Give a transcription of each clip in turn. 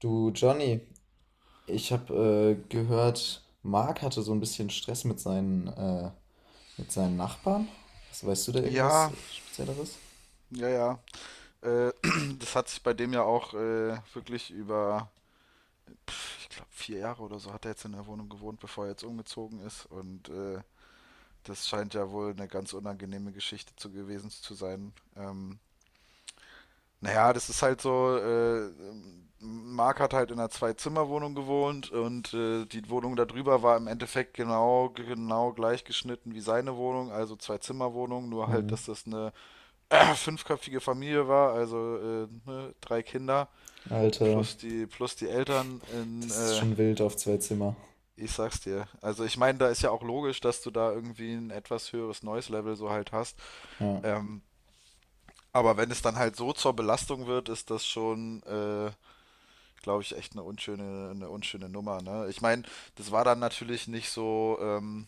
Du Johnny, ich habe gehört, Mark hatte so ein bisschen Stress mit mit seinen Nachbarn. Was, weißt du da Ja, irgendwas Spezielleres? ja, ja. Äh, das hat sich bei dem ja auch wirklich über, ich glaube, 4 Jahre oder so hat er jetzt in der Wohnung gewohnt, bevor er jetzt umgezogen ist. Und das scheint ja wohl eine ganz unangenehme Geschichte zu gewesen zu sein. Naja, das ist halt so, Marc hat halt in einer Zwei-Zimmer-Wohnung gewohnt und die Wohnung da drüber war im Endeffekt genau gleich geschnitten wie seine Wohnung, also Zwei-Zimmer-Wohnung, nur halt, Hm. dass das eine fünfköpfige Familie war, also ne, drei Kinder Alter, plus die Eltern das ist schon wild auf zwei Zimmer. ich sag's dir. Also ich meine, da ist ja auch logisch, dass du da irgendwie ein etwas höheres Noise Level so halt hast. Ja. Ähm, aber wenn es dann halt so zur Belastung wird, ist das schon, glaube ich, echt eine unschöne Nummer. Ne? Ich meine, das war dann natürlich nicht so ähm,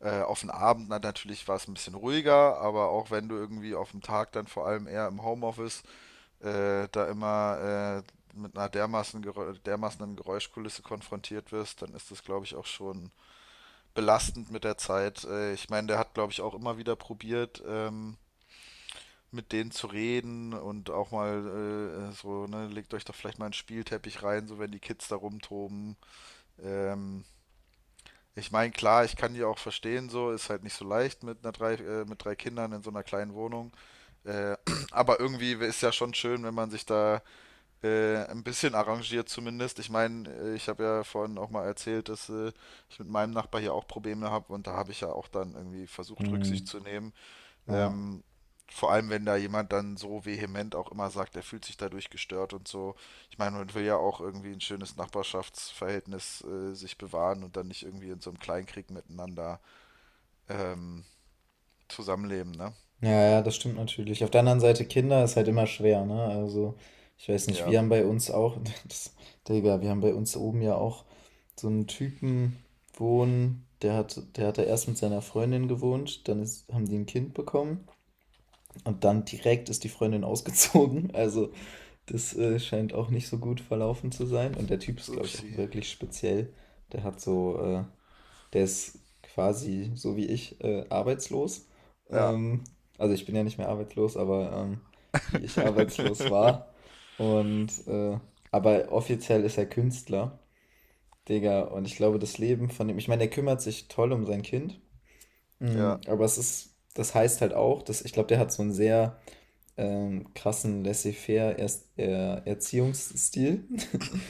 äh, auf den Abend, na, natürlich war es ein bisschen ruhiger, aber auch wenn du irgendwie auf dem Tag dann vor allem eher im Homeoffice da immer mit einer dermaßenen Geräuschkulisse konfrontiert wirst, dann ist das, glaube ich, auch schon belastend mit der Zeit. Ich meine, der hat, glaube ich, auch immer wieder probiert, mit denen zu reden und auch mal so, ne, legt euch doch vielleicht mal einen Spielteppich rein, so wenn die Kids da rumtoben. Ähm, Ich meine, klar, ich kann die auch verstehen, so ist halt nicht so leicht mit drei Kindern in so einer kleinen Wohnung. Äh, aber irgendwie ist ja schon schön, wenn man sich da ein bisschen arrangiert zumindest. Ich meine, ich habe ja vorhin auch mal erzählt, dass ich mit meinem Nachbar hier auch Probleme habe und da habe ich ja auch dann irgendwie versucht, Rücksicht Hm. zu nehmen. Ja. Ähm, Vor allem, wenn da jemand dann so vehement auch immer sagt, er fühlt sich dadurch gestört und so. Ich meine, man will ja auch irgendwie ein schönes Nachbarschaftsverhältnis sich bewahren und dann nicht irgendwie in so einem Kleinkrieg miteinander ähm, zusammenleben, ne? Ja, ja, das stimmt natürlich. Auf der anderen Seite, Kinder ist halt immer schwer, ne? Also, ich weiß nicht, Ja. wir haben bei uns auch, das, Digga, wir haben bei uns oben ja auch so einen Typen wohnen, der hat da erst mit seiner Freundin gewohnt, haben die ein Kind bekommen. Und dann direkt ist die Freundin ausgezogen. Also das scheint auch nicht so gut verlaufen zu sein. Und der Typ ist, glaube ich, auch Upsi. wirklich speziell. Der hat so, äh, Der ist quasi so wie ich arbeitslos. Ja, Ähm, also ich bin ja nicht mehr arbeitslos, aber wie ich arbeitslos war. Und aber offiziell ist er Künstler, Digga. Und ich glaube, das Leben von dem, ich meine, der kümmert sich toll um sein Kind. Ja, Aber das heißt halt auch, dass ich glaube, der hat so ein sehr krassen laissez-faire Erziehungsstil,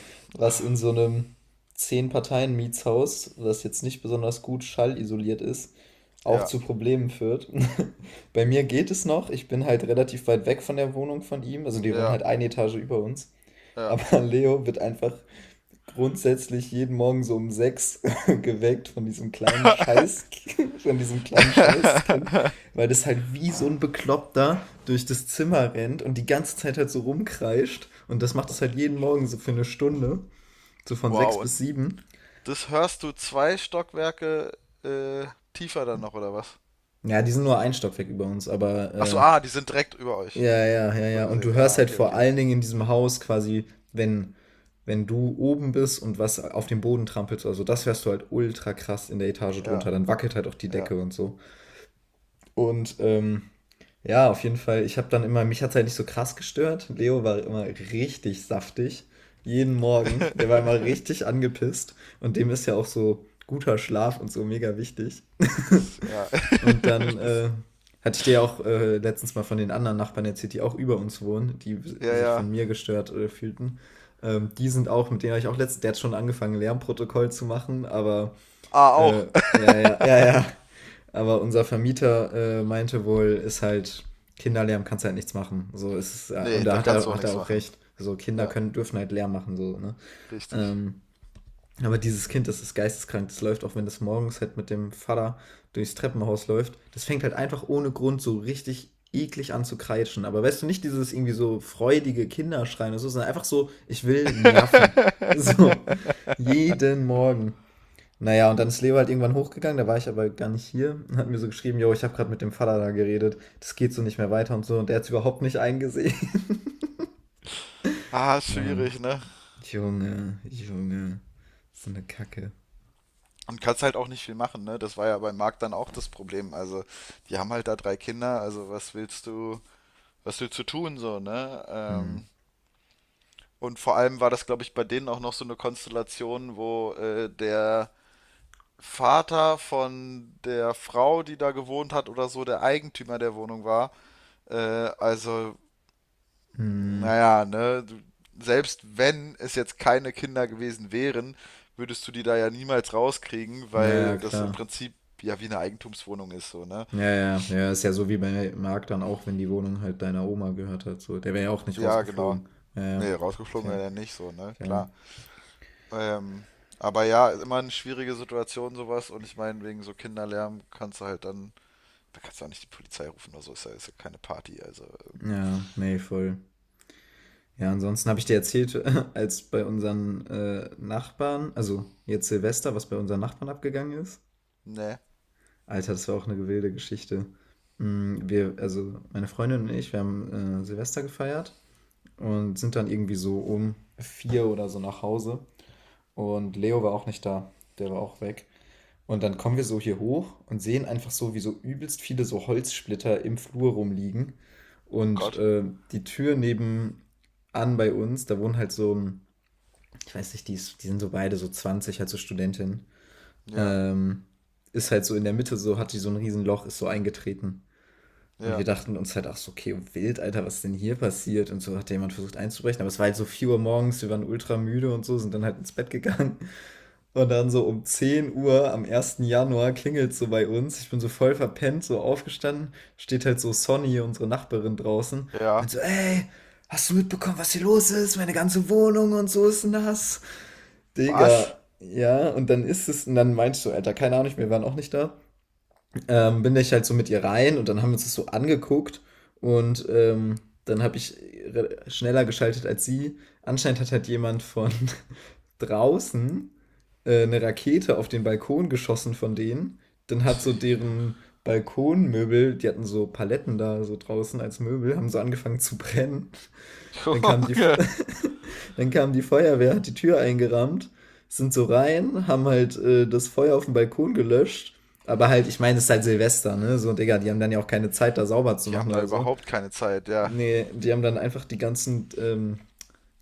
was in so einem 10 Parteien Mietshaus, das jetzt nicht besonders gut schallisoliert ist, auch ja, zu Problemen führt. Bei mir geht es noch, ich bin halt relativ weit weg von der Wohnung von ihm, also die wohnen ja, halt eine Etage über uns, ja. aber Leo wird einfach grundsätzlich jeden Morgen so um 6 geweckt von diesem kleinen Scheiß, von diesem kleinen Scheißkind, weil das halt wie so ein Bekloppter durch das Zimmer rennt und die ganze Zeit halt so rumkreischt. Und das macht das halt jeden Morgen so für eine Stunde, so von sechs Wow, und bis sieben. das hörst du 2 Stockwerke äh, tiefer dann noch, oder was? Ja, die sind nur ein Stockwerk über uns, aber Achso, ah, die sind direkt über euch. ja, ja, ja, So ja. Und du gesehen. hörst Ah, halt okay, vor okay. allen Dingen in diesem Haus quasi, wenn, wenn du oben bist und was auf dem Boden trampelst, also das hörst du halt ultra krass in der Etage Ja, drunter. Dann wackelt halt auch die ja. Decke und so. Und ja, auf jeden Fall, ich habe dann immer, mich hat's halt nicht so krass gestört. Leo war immer richtig saftig. Jeden Morgen. Der war immer richtig angepisst. Und dem ist ja auch so guter Schlaf und so mega wichtig. Ja, Und dann hatte ich dir ja auch letztens mal von den anderen Nachbarn erzählt, die auch über uns wohnen, die ja, sich von ja. mir gestört fühlten. Die sind auch, mit denen habe ich auch letztens, der hat schon angefangen, Lärmprotokoll zu machen, aber Ah, äh, auch. ja, ja, ja, ja. Aber unser Vermieter meinte wohl, ist halt Kinderlärm kannst halt nichts machen. So ist es, ja, und Nee, da da hat kannst er, du auch hat er nichts auch machen. recht. So Kinder Ja, können, dürfen halt Lärm machen, so, ne? richtig. Ähm, aber dieses Kind, das ist geisteskrank. Das läuft, auch wenn das morgens halt mit dem Vater durchs Treppenhaus läuft. Das fängt halt einfach ohne Grund so richtig eklig an zu kreischen. Aber weißt du, nicht dieses irgendwie so freudige Kinderschreien oder so, sondern einfach so, ich will nerven. So, jeden Morgen. Na ja, und dann ist Leo halt irgendwann hochgegangen, da war ich aber gar nicht hier und hat mir so geschrieben, jo, ich habe gerade mit dem Vater da geredet, das geht so nicht mehr weiter und so und der hat's überhaupt nicht eingesehen. Ah, Ja, schwierig, ne? Junge, Junge, so eine Kacke. Und kannst halt auch nicht viel machen, ne? Das war ja beim Markt dann auch das Problem. Also, die haben halt da drei Kinder, also was willst du tun, so, ne? Hm. Und vor allem war das, glaube ich, bei denen auch noch so eine Konstellation, wo der Vater von der Frau, die da gewohnt hat oder so, der Eigentümer der Wohnung war. Äh, also, Hm. naja, ne, selbst wenn es jetzt keine Kinder gewesen wären, würdest du die da ja niemals rauskriegen, Naja, weil das im klar. Prinzip ja wie eine Eigentumswohnung ist, so, ne? Ja, ja, ja, ist ja so wie bei Marc dann auch, wenn die Wohnung halt deiner Oma gehört hat, so, der wäre ja auch nicht Ja, genau. rausgeflogen. Ja, ja, Nee, rausgeflogen fair, wäre er nicht, so, ne? fair. Klar. Ähm, aber ja, ist immer eine schwierige Situation sowas und ich meine, wegen so Kinderlärm kannst du halt dann, da kannst du auch nicht die Polizei rufen oder so, ist ja keine Party, also, Ja, nee, voll. Ja, ansonsten habe ich dir erzählt, als bei unseren Nachbarn, also jetzt Silvester, was bei unseren Nachbarn abgegangen ist. ne, Alter, das war auch eine wilde Geschichte. Wir, also meine Freundin und ich, wir haben Silvester gefeiert und sind dann irgendwie so um 4 oder so nach Hause. Und Leo war auch nicht da, der war auch weg. Und dann kommen wir so hier hoch und sehen einfach so, wie so übelst viele so Holzsplitter im Flur rumliegen. Und Gott, die Tür nebenan bei uns, da wohnt halt so ein ich weiß nicht, die sind so beide so 20 halt so Studentin. ja, Ähm, Ist halt so in der Mitte, so hat die so ein Riesenloch, ist so eingetreten. Und wir ja, dachten uns halt, ach so, okay, wild, Alter, was ist denn hier passiert? Und so hat jemand versucht einzubrechen. Aber es war halt so 4 Uhr morgens, wir waren ultra müde und so, sind dann halt ins Bett gegangen. Und dann so um 10 Uhr am 1. Januar klingelt so bei uns. Ich bin so voll verpennt, so aufgestanden. Steht halt so Sonny, unsere Nachbarin draußen. Meint ja, so, ey, hast du mitbekommen, was hier los ist? Meine ganze Wohnung und so ist nass. was? Digga, ja, und dann meinst du, Alter, keine Ahnung, wir waren auch nicht da. Bin ich halt so mit ihr rein und dann haben wir uns das so angeguckt und dann habe ich schneller geschaltet als sie. Anscheinend hat halt jemand von draußen eine Rakete auf den Balkon geschossen von denen. Dann hat so deren Balkonmöbel, die hatten so Paletten da so draußen als Möbel, haben so angefangen zu brennen. Dann kam die, Junge, dann kam die Feuerwehr, hat die Tür eingerammt, sind so rein, haben halt das Feuer auf dem Balkon gelöscht. Aber halt, ich meine, es ist halt Silvester, ne? So, Digga, die haben dann ja auch keine Zeit, da sauber zu die haben machen da oder so. überhaupt keine Zeit, ja, Nee, die haben dann einfach die ganzen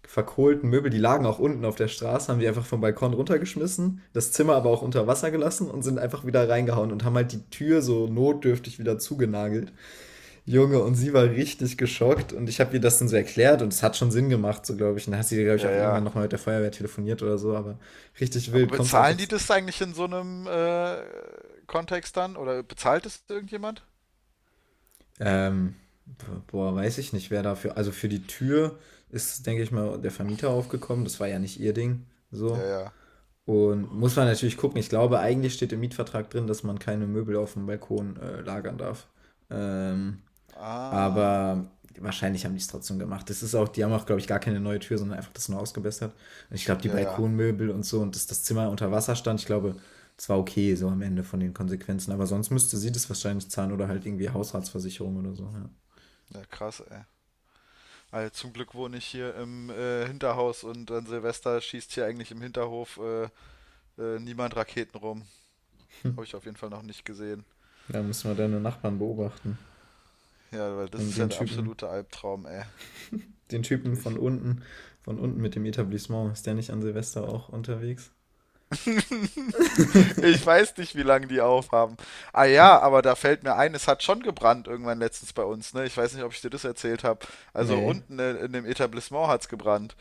verkohlten Möbel, die lagen auch unten auf der Straße, haben die einfach vom Balkon runtergeschmissen, das Zimmer aber auch unter Wasser gelassen und sind einfach wieder reingehauen und haben halt die Tür so notdürftig wieder zugenagelt. Junge, und sie war richtig geschockt und ich habe ihr das dann so erklärt und es hat schon Sinn gemacht, so glaube ich. Und dann hat sie, glaube ich, ja, auch irgendwann ja. nochmal mit der Feuerwehr telefoniert oder so, aber richtig Aber wild, kommt's einfach. bezahlen die das eigentlich in so einem Kontext dann oder bezahlt es irgendjemand? Ähm, boah, weiß ich nicht, wer dafür. Also für die Tür ist, denke ich mal, der Vermieter aufgekommen. Das war ja nicht ihr Ding. Ja, So. ja, Und muss man natürlich gucken. Ich glaube, eigentlich steht im Mietvertrag drin, dass man keine Möbel auf dem Balkon lagern darf. Ähm, ah, Aber wahrscheinlich haben die es trotzdem gemacht. Das ist auch, die haben auch, glaube ich, gar keine neue Tür, sondern einfach das nur ausgebessert. Und ich glaube, die ja, ja, Balkonmöbel und so und dass das Zimmer unter Wasser stand, ich glaube, das war okay, so am Ende von den Konsequenzen. Aber sonst müsste sie das wahrscheinlich zahlen oder halt irgendwie Haushaltsversicherung oder so. Ja. ja, krass, ey. Also zum Glück wohne ich hier im Hinterhaus und an Silvester schießt hier eigentlich im Hinterhof niemand Raketen rum. Habe ich auf jeden Fall noch nicht gesehen. Da müssen wir deine Nachbarn beobachten. Ja, weil das Und ist ja den der Typen, absolute Albtraum, ey. den Typen von Wirklich. unten mit dem Etablissement. Ist der nicht an Silvester auch unterwegs? Ich weiß nicht, wie lange die aufhaben. Ah ja, aber da fällt mir ein, es hat schon gebrannt irgendwann letztens bei uns, ne? Ich weiß nicht, ob ich dir das erzählt habe. Also Nee. unten in dem Etablissement hat's gebrannt.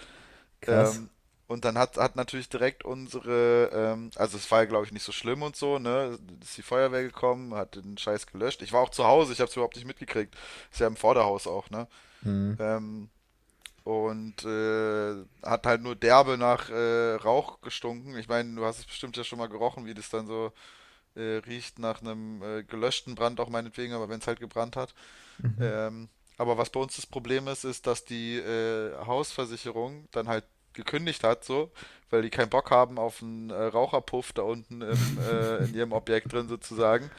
Krass. Ähm, und dann hat natürlich direkt unsere, also es war ja, glaube ich, nicht so schlimm und so, ne? Ist die Feuerwehr gekommen, hat den Scheiß gelöscht. Ich war auch zu Hause, ich habe es überhaupt nicht mitgekriegt. Ist ja im Vorderhaus auch, ne? Mhm. Ähm, und hat halt nur derbe nach Rauch gestunken. Ich meine, du hast es bestimmt ja schon mal gerochen, wie das dann so riecht nach einem gelöschten Brand auch meinetwegen, aber wenn es halt gebrannt hat. Mhm. Ähm, aber was bei uns das Problem ist, ist, dass die Hausversicherung dann halt gekündigt hat, so, weil die keinen Bock haben auf einen Raucherpuff da unten in ihrem Objekt drin sozusagen.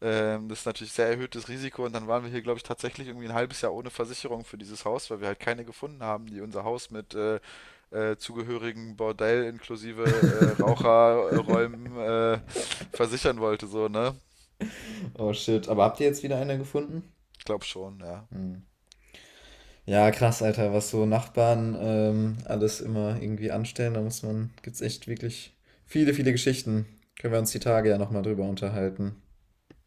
Das ist natürlich sehr erhöhtes Risiko und dann waren wir hier, glaube ich, tatsächlich irgendwie ein halbes Jahr ohne Versicherung für dieses Haus, weil wir halt keine gefunden haben, die unser Haus mit zugehörigen Bordell inklusive Raucherräumen versichern wollte, so, ne? Oh shit. Aber habt ihr jetzt wieder einer gefunden? Ich glaube schon, ja. Mhm. Ja, krass, Alter, was so Nachbarn alles immer irgendwie anstellen. Da muss man, gibt's echt wirklich viele, viele Geschichten. Können wir uns die Tage ja nochmal drüber unterhalten.